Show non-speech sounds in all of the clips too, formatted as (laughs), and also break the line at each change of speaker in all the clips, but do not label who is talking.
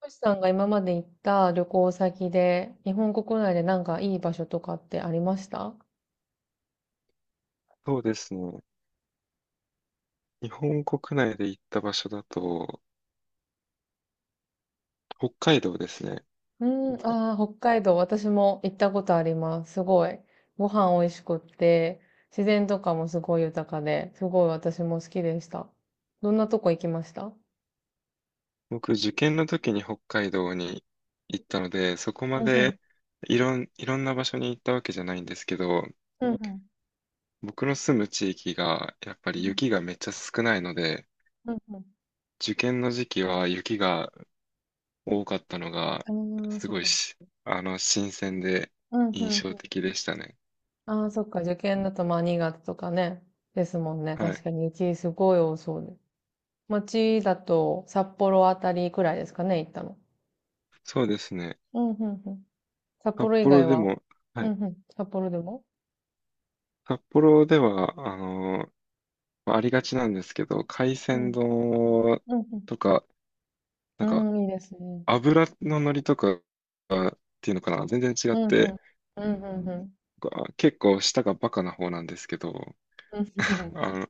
トシさんが今まで行った旅行先で、日本国内でなんかいい場所とかってありました？
そうですね。日本国内で行った場所だと、北海道ですね。
うーん、ああ、北海道、私も行ったことあります。すごい。ご飯美味しくって、自然とかもすごい豊かで、すごい私も好きでした。どんなとこ行きました？
僕、受験の時に北海道に行ったので、そこま
うんうん。
でいろんな場所に行ったわけじゃないんですけど、
うんうん。
僕の住む地域がやっぱ
う
り
ん
雪がめっちゃ少ないので、
うん。
受験の時期は雪が多かったのが、
うんうん。ああ、
す
そっ
ごい
か。
し、新鮮で
うんうんう
印象
ん。
的でしたね。
ああ、そっか。受験だとまあ新潟とかね。ですもんね。
は
確
い。
かに雪すごい多そうで。町だと札幌あたりくらいですかね、行ったの。
そうですね。
うん、うん、うん。札
札
幌以外
幌で
は、
も、は
う
い。
ん、うん。札幌でも、
札幌では、まありがちなんですけど、海
う
鮮
ん、
丼
うん、
とか、な
う
んか
ん。うん、いいですね。
油の乗りとかっていうのかな、全然違っ
うん、う
て、
ん。うん、うん、うん。
あ、結構舌がバカな方なんですけど、
うん、う
(laughs)
ん、
あの、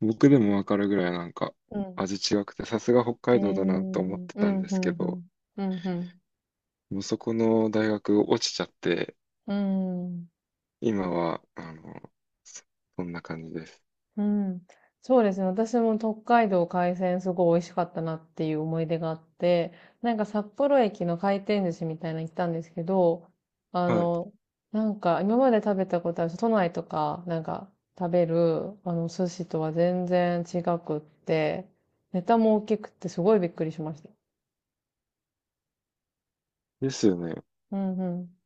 僕でもわかるぐらいなんか
うん。うん。
味違くて、さすが北
えー、
海
う
道だなと思っ
ん、
て
う
たんで
ん、う
すけど、
ん。うん、うん。
もうそこの大学落ちちゃって、
うん。
今は、そそんな感じです。
うん。そうですね。私も北海道海鮮すごい美味しかったなっていう思い出があって、なんか札幌駅の回転寿司みたいなの行ったんですけど、あ
はい。
の、なんか今まで食べたことある都内とかなんか食べるあの寿司とは全然違くって、ネタも大きくてすごいびっくりしました。
ですよね。
うんうん。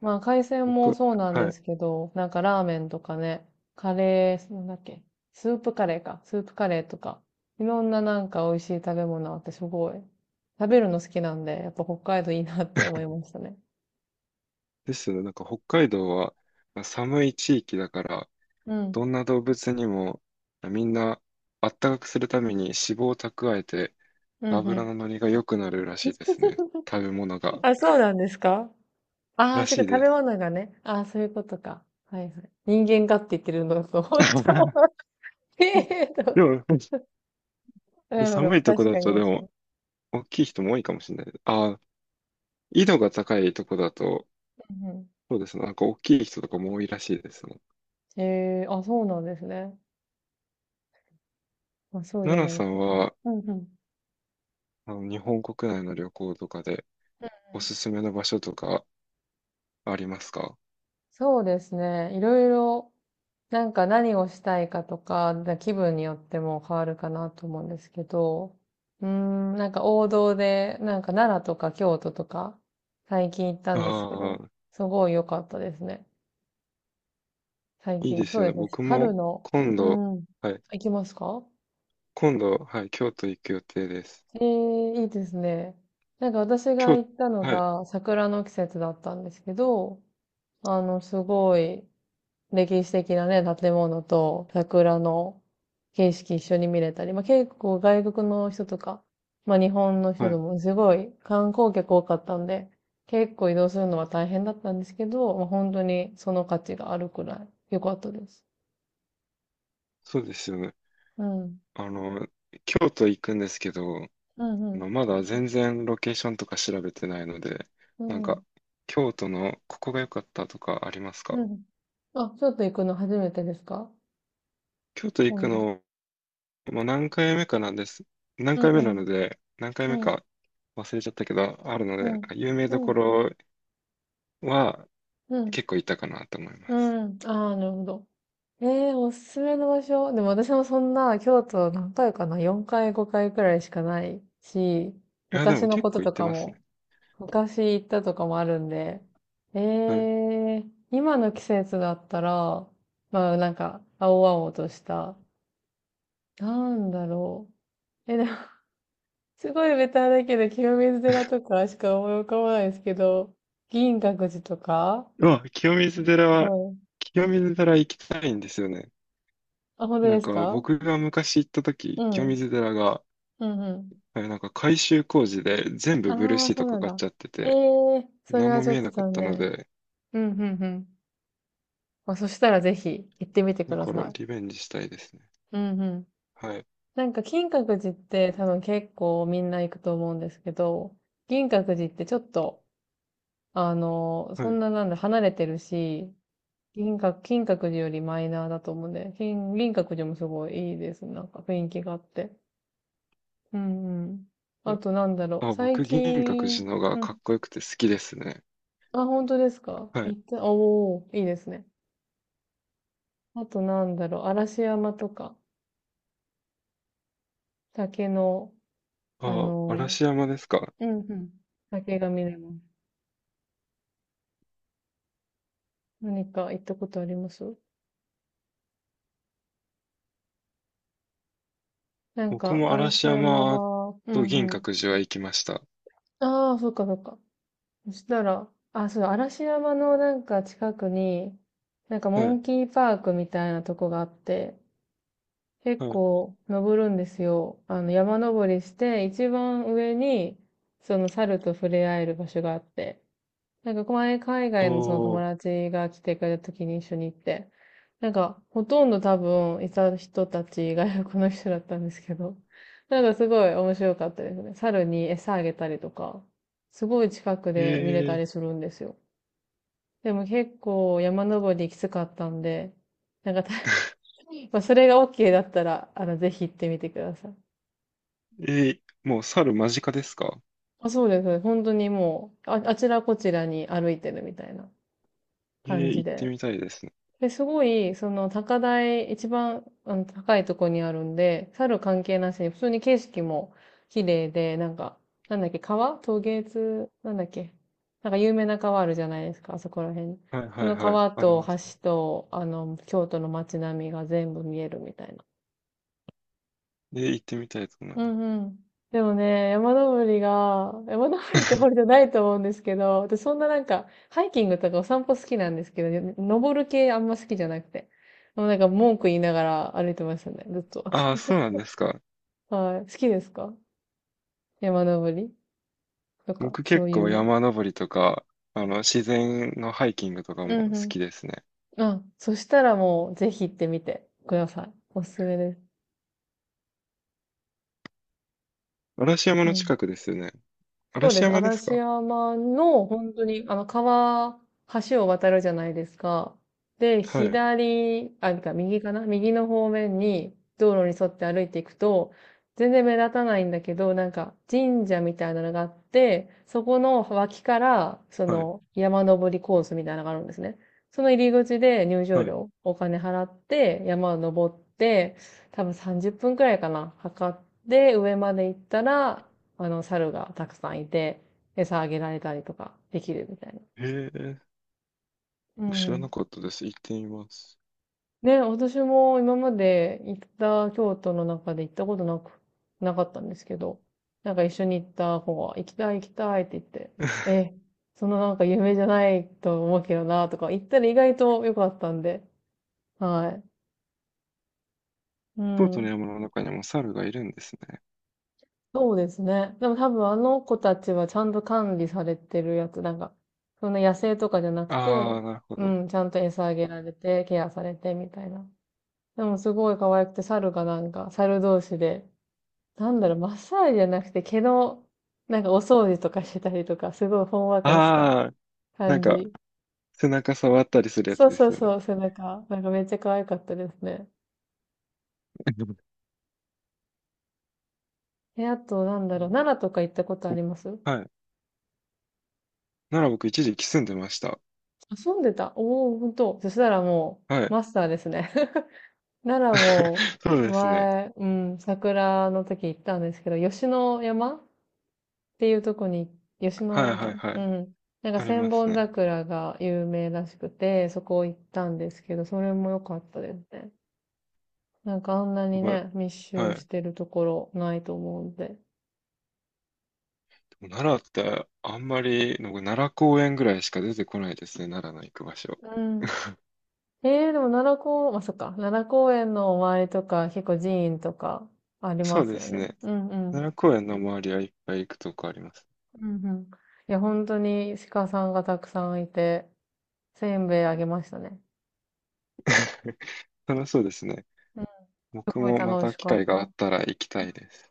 まあ、海鮮も
僕、
そうなん
は
で
い。
すけど、なんかラーメンとかね、カレー、なんだっけ、スープカレーか、スープカレーとか、いろんななんか美味しい食べ物あってすごい、食べるの好きなんで、やっぱ北海道いいなって思いましたね。
ですよね。なんか北海道はまあ寒い地域だから、
うん。
どんな動物にもみんなあったかくするために脂肪を蓄えて
うんう
脂
ん。
の乗りが良くなるらしいですね。
(laughs)
食べ物が。
あ、そうなんですか？ああ
ら
ー、そうい
し
う
い
こと。食
で
べ
す。
物がね。ああ、そういうことか。はいはい。人間がって言ってるのと、(laughs) 本当程。
(laughs) でも、
う
寒
ん、
いとこ
確
だ
か
と
に
で
確かに。
も、大きい人も多いかもしれない。ああ、緯度が高いとこだと、
うんう
そうですね。なんか大きい人とかも多いらしいですね。
ん、ええ、あ、そうなんですね。まあ、そうじ
奈
ゃ
々
ない
さん
と。
は、
うんうん。うん
日本国内の旅行とかで
うん。
おすすめの場所とかありますか？
そうですね。いろいろ、なんか何をしたいかとか、気分によっても変わるかなと思うんですけど、うーん、なんか王道で、なんか奈良とか京都とか、最近行ったんですけ
あ
ど、
あ
すごい良かったですね。最
ー、いいで
近。
す
そう
よ
で
ね。
すね。
僕
春
も
の、
今
う
度、
ん。
はい。
行きますか？
今度、はい、京都行く予定です。
ええ、いいですね。なんか私が
京、
行ったの
はい、
が桜の季節だったんですけど、すごい歴史的なね、建物と桜の景色一緒に見れたり、まあ、結構外国の人とか、まあ、日本の
は
人で
い、
もすごい観光客多かったんで、結構移動するのは大変だったんですけど、まあ、本当にその価値があるくらい良かったです。
そうですよね。
うん。
あの、京都行くんですけど、
うんうん。
まだ全然ロケーションとか調べてないので、
う
なん
ん。
か、京都のここが良かったとかあります
う
か？
ん。あ、ちょっと行くの初めてですか？
京都行く
今度。
の、もう何回目かなんです。
うんうん。
何回目
うん。
か忘れちゃったけど、あるの
う
で、
ん。
有名
う
どこ
ん。
ろは
うん。
結構行ったかなと思いま
う
す。
ん。ああ、なるほど。ええ、おすすめの場所。でも私もそんな京都何回かな ?4 回5回くらいしかないし、
いや、で
昔
も
の
結
こと
構行っ
と
て
か
ますね。
も、昔行ったとかもあるんで、ええ、今の季節だったら、まあなんか、青々とした、なんだろう。え、でも、(laughs) すごいベタだけど、清水寺とかしか思い浮かばないですけど、銀閣寺とか。
まあ、清水寺は、
そう。
清水寺行きたいんですよね。
あ、本当
な
で
ん
す
か
か？
僕が昔行った
う
時、清
ん。
水寺が、
うんうん。
なんか改修工事で全部ブルー
ああ、
シー
そ
ト
う
か
なん
かっ
だ。
ちゃって
え
て、
え、それ
何
は
も
ちょ
見
っ
え
と
なかっ
残
たの
念。
で、
うん、うん、うん。まあ、そしたらぜひ行ってみてく
だ
だ
から
さい。
リベンジしたいですね。
うん、うん。
はい。
なんか金閣寺って多分結構みんな行くと思うんですけど、銀閣寺ってちょっと、
は
そ
い。
んななんだ、離れてるし、銀閣、金閣寺よりマイナーだと思うんで、金、銀閣寺もすごいいいです。なんか雰囲気があって。うんうん。あとなんだろう、
あ、
最
僕、銀閣
近、
寺のが
う
か
ん。
っこよくて好きですね。
あ、本当ですか？
は
行
い。
った、おー、いいですね。あとなんだろう、嵐山とか、竹の、あ
あ、
の
嵐山ですか。
うんうん。ー、竹が見れます。何か行ったことあります？なん
僕
か、
も
嵐
嵐
山
山
は、う
と
んう
銀
ん。
閣寺は行きました。
ああ、そっかそっか。そしたら、あ、そうだ、嵐山のなんか近くに、なんか
は
モ
い。
ンキーパークみたいなとこがあって、
は
結
い。
構登るんですよ。山登りして、一番上に、その猿と触れ合える場所があって、なんか前海外のその友
おー。
達が来てくれた時に一緒に行って、なんかほとんど多分いた人たち外国の人だったんですけど、なんかすごい面白かったですね。猿に餌あげたりとか、すごい近くで見れた
え
りするんですよ。でも結構山登りきつかったんで、なんか(laughs) まあそれが OK だったら、ぜひ行ってみてください。
ー、えー、もう猿間近ですか？
あ、そうです。本当にもう、あ、あちらこちらに歩いてるみたいな
えー、
感じ
行って
で。
みたいですね。
で、すごい、高台、一番、高いとこにあるんで、猿関係なしに、普通に景色も綺麗で、なんか、なんだっけ、川渡津、なんだっけ。なんか有名な川あるじゃないですか、あそこら辺。
はいは
そ
い
の
はい。
川
あり
と
ま
橋
すね。
と、京都の街並みが全部見えるみたいな。
えー、行ってみたいと思い
う
ます。
んうん。でもね、山登りってほどじゃ
(laughs)
ないと思うんですけど、私そんななんか、ハイキングとかお散歩好きなんですけど、ね、登る系あんま好きじゃなくて。もうなんか文句言いながら歩いてましたね、ずっと。
ああ、そうなんですか。
(laughs) はい。好きですか？山登りとか、
僕
そ
結
ういう
構
の。
山登りとか、自然のハイキングとか
う
も好
ん
きですね。
うん。あ、そしたらもう、ぜひ行ってみてください。おすすめです。
嵐山
う
の
ん。
近くですよね。
そうで
嵐
す。
山です
嵐
か？
山の本当に、川、橋を渡るじゃないですか。で、
はい、
左、あ、なんか右かな、右の方面に道路に沿って歩いていくと、全然目立たないんだけど、なんか神社みたいなのがあって、そこの脇から、そ
はい、
の山登りコースみたいなのがあるんですね。その入り口で入場
はい。
料、お金払って山を登って、多分30分くらいかな、測って上まで行ったら、猿がたくさんいて、餌あげられたりとかできるみたいな。
へえ、
う
僕知ら
ん。
なかったです。行ってみます。
ね、私も今まで行った京都の中で行ったことなかったんですけど、なんか一緒に行った子が、行きたい行きたいって言って、え、そのなんか夢じゃないと思うけどなとか、行ったら意外と良かったんで、はい。う
京都の
ん。
山の中にも猿がいるんですね。
そうですね。でも多分あの子たちはちゃんと管理されてるやつ、なんか、そんな野生とかじゃなく
あ
て、
あ、なるほ
う
ど。
ん、ちゃんと餌あげられて、ケアされてみたいな。でもすごい可愛くて、猿がなんか、猿同士で、なんだろう、マッサージじゃなくて毛の、なんかお掃除とかしてたりとか、すごいほんわかした
ああ、なん
感
か、
じ。
背中触ったりするやつ
そう
で
そう
すよ
そ
ね。
う、背中。なんかめっちゃ可愛かったですね。
(laughs)
え、あと、なんだ
う
ろう、
ん。
奈良とか行ったことあ
お、
ります？
はい。なら僕一時期住んでました。
遊んでた？おおー、ほんと。そしたらも
は
う、
い。
マスターですね。奈良も
(laughs) そうですね。
前、うん、桜の時行ったんですけど、吉野山っていうとこに、吉
はい
野
はい
山。
は
う
い。
ん。なんか
あり
千
ます
本
ね。
桜が有名らしくて、そこ行ったんですけど、それも良かったですね。なんかあんなに
やっ
ね、密
ぱは
集し
い。
てるところないと思うんで。
でも奈良ってあんまり、なんか奈良公園ぐらいしか出てこないですね。奈良の行く場所。
うん。えー、でも奈良公、まあ、そっか、奈良公園の周りとか、結構寺院とかあり
そ
ま
う
す
で
よ
す
ね。
ね。
うんう
奈
ん。
良公園の周りはいっぱい行くとこあります。
うんうん。いや、本当に鹿さんがたくさんいて、せんべいあげましたね。
(laughs) 楽しそうですね。
うん、す
僕
ごい
もま
楽
た
し
機
か
会
った。
があ
う
っ
ん
たら行きたいです。